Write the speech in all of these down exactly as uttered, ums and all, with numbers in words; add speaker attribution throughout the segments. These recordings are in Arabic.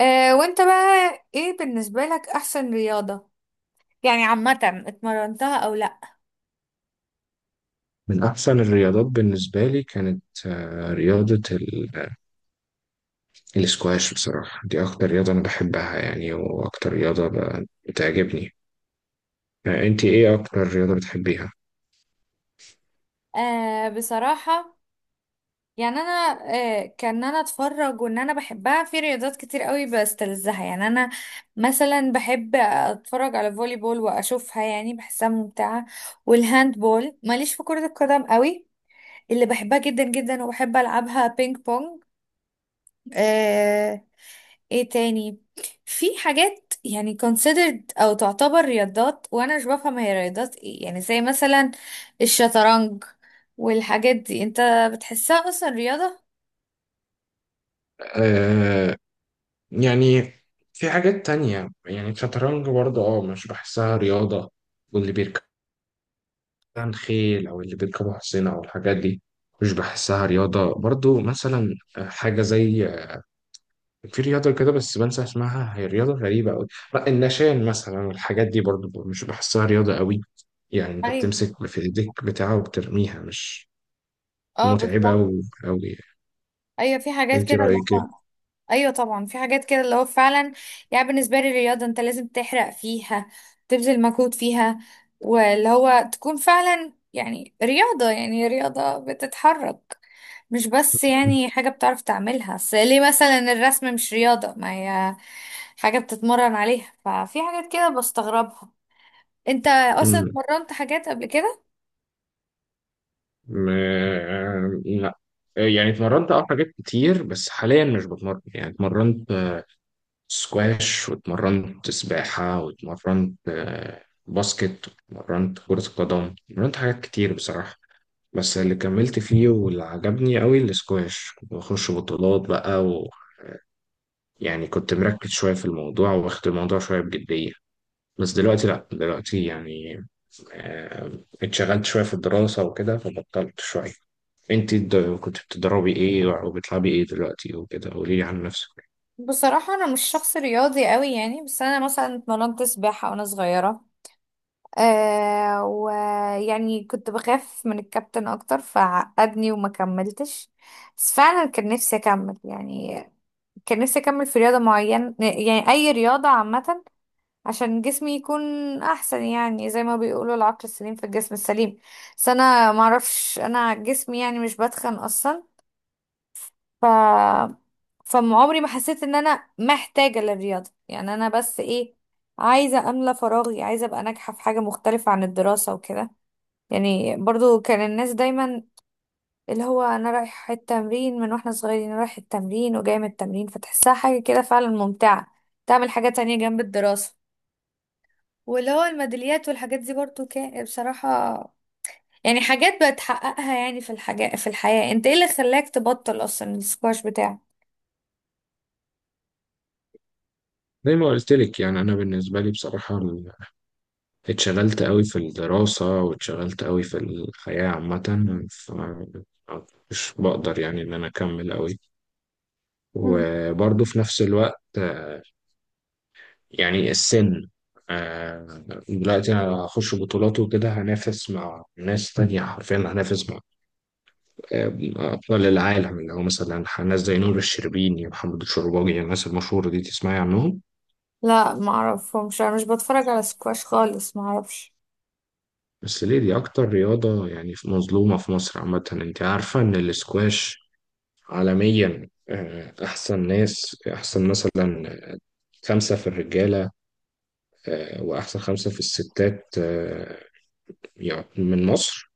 Speaker 1: آه وانت بقى ايه بالنسبة لك احسن رياضة يعني عامة اتمرنتها او لا؟
Speaker 2: من أحسن الرياضات بالنسبة لي كانت آه، رياضة ال- الاسكواش، بصراحة دي أكتر رياضة أنا بحبها يعني، وأكتر رياضة ب- بتعجبني. آه، أنت إيه أكتر رياضة بتحبيها؟
Speaker 1: آه بصراحة، يعني انا آه كان انا اتفرج وان انا بحبها، في رياضات كتير قوي بستلذها يعني. انا مثلا بحب اتفرج على فولي بول واشوفها، يعني بحسها ممتعة، والهاند بول. ماليش في كرة القدم قوي. اللي بحبها جدا جدا وبحب العبها بينج بونج. آه، ايه تاني؟ في حاجات يعني considered او تعتبر رياضات وانا مش بفهم هي رياضات ايه، يعني زي مثلا الشطرنج والحاجات دي، انت بتحسها اصلا رياضة؟
Speaker 2: آه يعني في حاجات تانية، يعني الشطرنج برضه أه مش بحسها رياضة، واللي بيركب عن خيل أو اللي بيركبوا حصينة أو الحاجات دي مش بحسها رياضة برضه، مثلا آه، حاجة زي، في رياضة كده بس بنسى اسمها، هي رياضة غريبة أوي. لا، النشان مثلا والحاجات دي برضو مش بحسها رياضة أوي، يعني أنت
Speaker 1: ايوه،
Speaker 2: بتمسك في إيديك بتاعه وبترميها، مش
Speaker 1: اه
Speaker 2: متعبة
Speaker 1: بالظبط.
Speaker 2: أوي أوي.
Speaker 1: ايوه، في حاجات
Speaker 2: أنت
Speaker 1: كده اللي
Speaker 2: رأيك
Speaker 1: هو.
Speaker 2: إيه؟
Speaker 1: ايوه طبعا، في حاجات كده اللي هو فعلا يعني. بالنسبه لي الرياضه انت لازم تحرق فيها، تبذل مجهود فيها، واللي هو تكون فعلا يعني رياضه، يعني رياضه بتتحرك، مش بس يعني حاجه بتعرف تعملها. اصل ليه مثلا الرسم مش رياضه؟ ما هي حاجه بتتمرن عليها. ففي حاجات كده بستغربها. انت اصلا
Speaker 2: أمم،
Speaker 1: اتمرنت حاجات قبل كده؟
Speaker 2: ما- لا، يعني اتمرنت أه حاجات كتير بس حاليا مش بتمرن. يعني اتمرنت آه، سكواش، واتمرنت سباحة، واتمرنت آه، باسكت، واتمرنت كرة قدم، اتمرنت حاجات كتير بصراحة. بس اللي كملت فيه واللي عجبني قوي الاسكواش، كنت بخش بطولات بقى، ويعني كنت مركز شوية في الموضوع، واخد الموضوع شوية بجدية. بس دلوقتي لأ، دلوقتي يعني آه، اتشغلت شوية في الدراسة وكده فبطلت شوية. انت الد- كنت بتدربي ايه، وبتلعبي ايه دلوقتي وكده، قوليلي عن نفسك.
Speaker 1: بصراحه انا مش شخص رياضي قوي يعني، بس انا مثلا اتمرنت سباحه وانا صغيره. آه ويعني كنت بخاف من الكابتن اكتر فعقدني وما كملتش، بس فعلا كان نفسي اكمل يعني. كان نفسي اكمل في رياضة معينة، يعني اي رياضة عامة، عشان جسمي يكون احسن، يعني زي ما بيقولوا العقل السليم في الجسم السليم. بس انا معرفش، انا جسمي يعني مش بتخن اصلا. ف فعمري ما حسيت ان انا محتاجة للرياضة. يعني انا بس ايه، عايزة املى فراغي، عايزة ابقى ناجحة في حاجة مختلفة عن الدراسة وكده. يعني برضو كان الناس دايما اللي هو انا رايح التمرين من واحنا صغيرين، رايح التمرين وجاي من التمرين، فتحسها حاجة كده فعلا ممتعة، تعمل حاجة تانية جنب الدراسة، واللي هو الميداليات والحاجات دي برضو كان بصراحة يعني حاجات بتحققها يعني في الحاجة في الحياة. انت ايه اللي خلاك تبطل اصلا السكواش بتاعك؟
Speaker 2: زي ما قلت لك يعني انا بالنسبه لي بصراحه، ال- اتشغلت قوي في الدراسه، واتشغلت قوي في الحياه عامه، فمش بقدر يعني ان انا اكمل قوي.
Speaker 1: مم.
Speaker 2: وبرضه في نفس الوقت آه، يعني السن، آه، دلوقتي أنا هخش بطولات وكده، هنافس مع ناس تانية، حرفيا هنافس مع آه، أبطال العالم، اللي هو مثلا ناس زي نور الشربيني ومحمد الشرباجي، الناس المشهورة دي تسمعي عنهم.
Speaker 1: لا ما اعرفهمش، انا مش بتفرج على سكواش خالص، ما اعرفش.
Speaker 2: بس ليه، دي أكتر رياضة يعني مظلومة في مصر عامة. أنت عارفة إن الاسكواش عالميا آه، أحسن ناس، أحسن مثلا خمسة في الرجالة، آه، وأحسن خمسة في الستات، آه، يعني من مصر.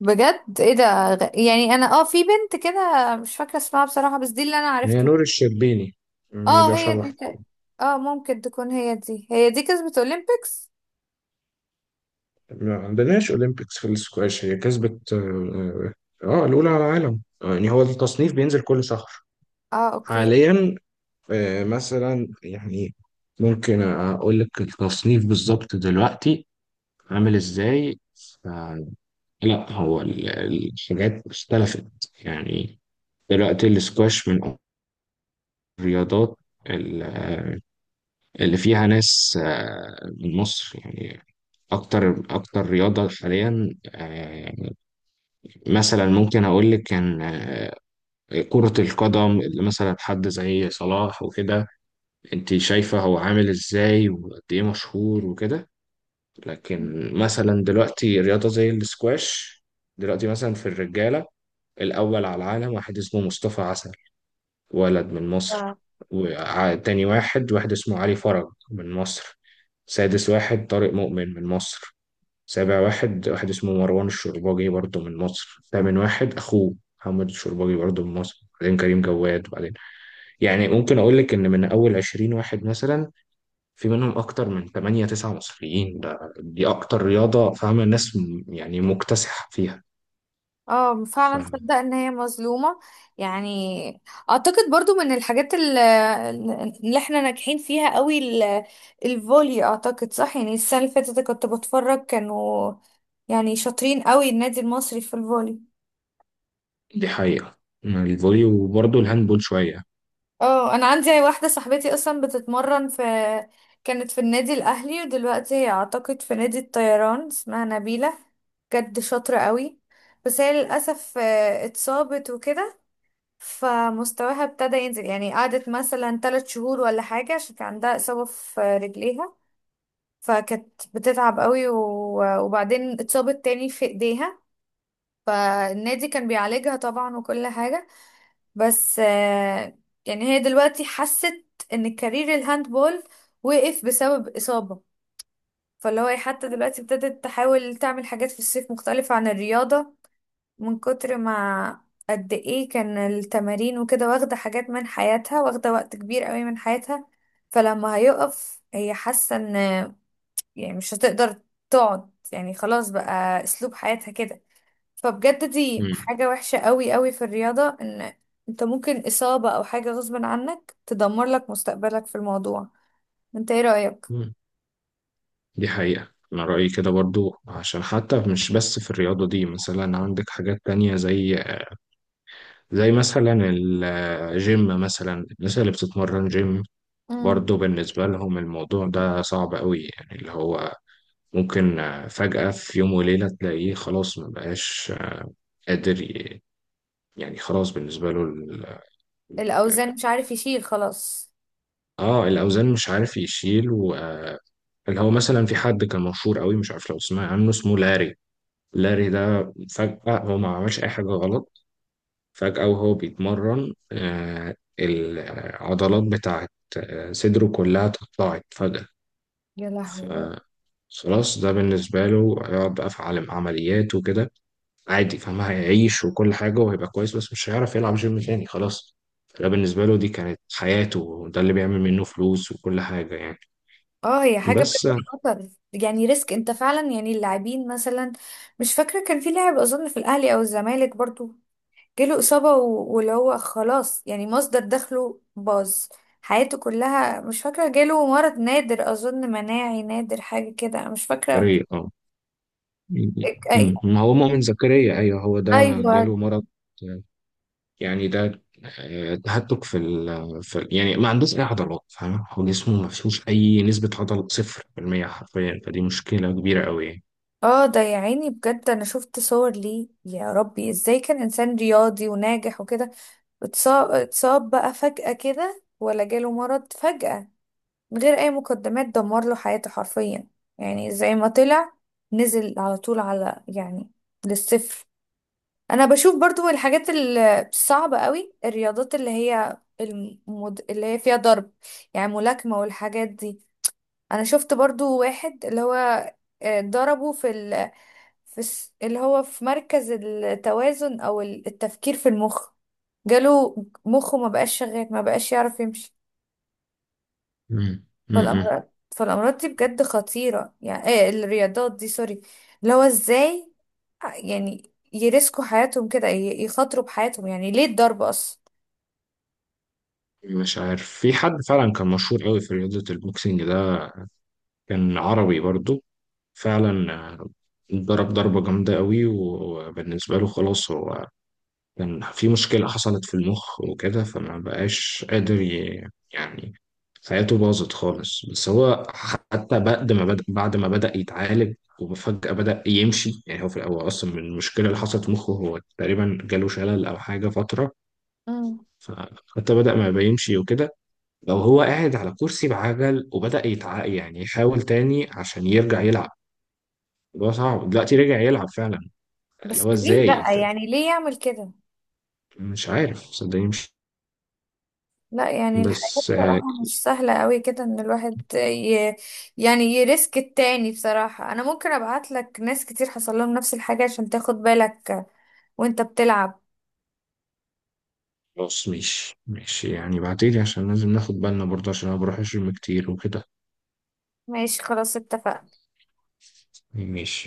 Speaker 1: بجد، ايه ده؟ غ- يعني انا اه في بنت كده مش فاكره اسمها بصراحه، بس دي اللي انا
Speaker 2: هي
Speaker 1: عرفت.
Speaker 2: نور الشربيني، هي دي
Speaker 1: اه هي
Speaker 2: أشهر
Speaker 1: دي
Speaker 2: واحدة.
Speaker 1: تق- اه ممكن تكون هي دي. هي دي كسبت اولمبيكس؟
Speaker 2: ما عندناش أولمبيكس في السكواش، هي كسبت آه آه، الأولى على العالم. آه، يعني هو التصنيف بينزل كل شهر.
Speaker 1: اه اوكي.
Speaker 2: حاليا آه مثلا، يعني ممكن أقول لك التصنيف بالظبط دلوقتي عامل إزاي. ف- لا، هو ال- الحاجات اختلفت يعني. دلوقتي السكواش من الرياضات ال- آه، اللي فيها ناس آه، من مصر، يعني اكتر اكتر رياضه حاليا. آه، مثلا ممكن اقول لك كان آه، كره القدم، اللي مثلا حد زي صلاح وكده، انت شايفه هو عامل ازاي وقد ايه مشهور وكده. لكن مثلا دلوقتي رياضه زي السكواش، دلوقتي مثلا في الرجاله الاول على العالم واحد اسمه مصطفى عسل، ولد من مصر.
Speaker 1: اه،
Speaker 2: وتاني واحد، واحد اسمه علي فرج من مصر. سادس واحد طارق مؤمن من مصر. سابع واحد، واحد اسمه مروان الشرباجي برضه من مصر. تامن واحد أخوه محمد الشرباجي برضه من مصر. بعدين كريم جواد، وبعدين يعني ممكن أقول لك إن من أول عشرين واحد مثلا، في منهم أكتر من تمانية تسعة مصريين. ده دي أكتر رياضة، فاهمة الناس م- يعني مكتسحة فيها.
Speaker 1: آه، فعلا
Speaker 2: فدي
Speaker 1: تصدق ان هي مظلومة؟ يعني اعتقد برضو من الحاجات ال- اللي احنا ناجحين فيها قوي ال- الفولي، اعتقد صح. يعني السنة اللي فاتت كنت بتفرج، كانوا يعني شاطرين قوي، النادي المصري في الفولي.
Speaker 2: حقيقة. مم. الفولي وبرضه الهاندبول شوية.
Speaker 1: اه انا عندي واحده صاحبتي اصلا بتتمرن في، كانت في النادي الاهلي ودلوقتي هي اعتقد في نادي الطيران، اسمها نبيله. بجد شاطره قوي. بس هي للاسف آه، اتصابت وكده، فمستواها ابتدى ينزل، يعني قعدت مثلا ثلاث شهور ولا حاجه عشان كان عندها اصابه في رجليها، فكانت بتتعب قوي و- وبعدين اتصابت تاني في ايديها. فالنادي كان بيعالجها طبعا وكل حاجه، بس آه، يعني هي دلوقتي حست ان الكارير الهاندبول وقف بسبب إصابة. فاللي هو إيه، حتى دلوقتي ابتدت تحاول تعمل حاجات في الصيف مختلفة عن الرياضة، من كتر ما قد ايه كان التمارين وكده، واخدة حاجات من حياتها، واخدة وقت كبير قوي من حياتها. فلما هيقف، هي حاسة ان يعني مش هتقدر تقعد، يعني خلاص بقى اسلوب حياتها كده. فبجد دي
Speaker 2: مم.
Speaker 1: حاجة وحشة قوي قوي في الرياضة، ان انت ممكن اصابة او حاجة غصب عنك تدمر لك مستقبلك في الموضوع. انت ايه رأيك؟
Speaker 2: مم. دي حقيقة، أنا رأيي كده برضو. عشان حتى مش بس في الرياضة دي، مثلا عندك حاجات تانية زي زي مثلا الجيم، مثلا الناس اللي بتتمرن جيم
Speaker 1: امم،
Speaker 2: برضه بالنسبة لهم الموضوع ده صعب قوي، يعني اللي هو ممكن آه، فجأة في يوم وليلة تلاقيه خلاص مبقاش قادر ي- يعني خلاص بالنسبة له ال-
Speaker 1: الاوزان مش عارف يشيل خلاص.
Speaker 2: اه، الأوزان مش عارف يشيل و آه، اللي هو مثلا في حد كان مشهور قوي، مش عارف لو تسمع عنه اسمه لاري لاري ده فجأة هو ما عملش أي حاجة غلط، فجأة وهو بيتمرن آه، العضلات بتاعت آه، صدره كلها تقطعت فجأة.
Speaker 1: يا لهوي يا رب.
Speaker 2: فخلاص ده بالنسبة له هيقعد بقى في عالم عمليات وكده، عادي فاهم، هيعيش وكل حاجة وهيبقى كويس، بس مش هيعرف يلعب جيم تاني خلاص. فده بالنسبة له، دي كانت حياته وده اللي بيعمل منه فلوس وكل حاجة يعني.
Speaker 1: اه، هي حاجة بجد
Speaker 2: بس
Speaker 1: خطر، يعني ريسك انت فعلا. يعني اللاعبين مثلا، مش فاكرة كان في لاعب اظن في الاهلي او الزمالك برضو، جاله إصابة و- واللي هو خلاص، يعني مصدر دخله باظ، حياته كلها. مش فاكرة جاله مرض نادر أظن، مناعي نادر حاجة كده، أنا مش فاكرة.
Speaker 2: زكريا، اه م-
Speaker 1: أي...
Speaker 2: م- ما هو مؤمن زكريا، أيوه هو ده.
Speaker 1: أيوة.
Speaker 2: جاله مرض، آه، يعني ده آه، تهتك في ال في ال- يعني ما عندوش اي عضلات، فاهم. هو جسمه ما فيهوش اي نسبه عضل، صفر بالمية حرفيا، فدي مشكله كبيره قوي يعني.
Speaker 1: اه ده، يا عيني، بجد أنا شفت صور ليه، يا ربي إزاي كان إنسان رياضي وناجح وكده، اتصاب اتصاب بقى فجأة كده، ولا جاله مرض فجأة من غير أي مقدمات، دمر له حياته حرفيا. يعني زي ما طلع نزل على طول على يعني للصفر. انا بشوف برضو الحاجات ال- الصعبة قوي، الرياضات اللي هي المد... اللي هي فيها ضرب، يعني ملاكمة والحاجات دي. انا شفت برضو واحد، اللي هو آه، ضربه في ال... في الس- اللي هو في مركز التوازن او ال- التفكير في المخ، جاله مخه ما بقاش شغال، ما بقاش يعرف يمشي.
Speaker 2: مم. مم.
Speaker 1: فالأمراض فالأمراض دي بجد خطيرة. يعني ايه الرياضات دي، سوري، اللي هو ازاي آه، يعني يرسكوا حياتهم كده، ي- يخاطروا بحياتهم، يعني ليه الضرب أصلا؟
Speaker 2: مش عارف في حد فعلا كان مشهور قوي في رياضه البوكسنج ده، كان عربي برضو فعلا، آه، ضرب ضربه جامده قوي، وبالنسبه له خلاص هو كان في مشكلة حصلت في المخ وكده، فما بقاش قادر ي... يعني حياته باظت خالص. بس هو حتى بعد ما بدأ بعد ما بدأ يتعالج وفجأة بدأ يمشي. يعني هو في الأول أصلا من المشكلة اللي حصلت في مخه، هو تقريبا جاله شلل أو حاجة فترة،
Speaker 1: مم.
Speaker 2: فحتى بدأ ما بيمشي وكده، لو هو قاعد على كرسي بعجل وبدأ يتع يعني يحاول تاني عشان يرجع يلعب. الموضوع صعب. دلوقتي رجع يلعب فعلا، اللي
Speaker 1: بس
Speaker 2: هو
Speaker 1: ليه
Speaker 2: إزاي؟
Speaker 1: بقى،
Speaker 2: أنت
Speaker 1: يعني ليه يعمل كده؟
Speaker 2: مش عارف، صدقني مش،
Speaker 1: لا، يعني الحياة
Speaker 2: بس
Speaker 1: بصراحة مش سهلة قوي كده، ان الواحد ي... يعني يرسك التاني. بصراحة انا ممكن ابعت لك ناس كتير حصل لهم نفس الحاجة عشان تاخد بالك وانت بتلعب.
Speaker 2: خلاص ماشي ماشي يعني، بعتيلي عشان لازم ناخد بالنا برضه عشان انا بروح الجيم كتير وكده.
Speaker 1: ماشي، خلاص اتفقنا.
Speaker 2: ماشي.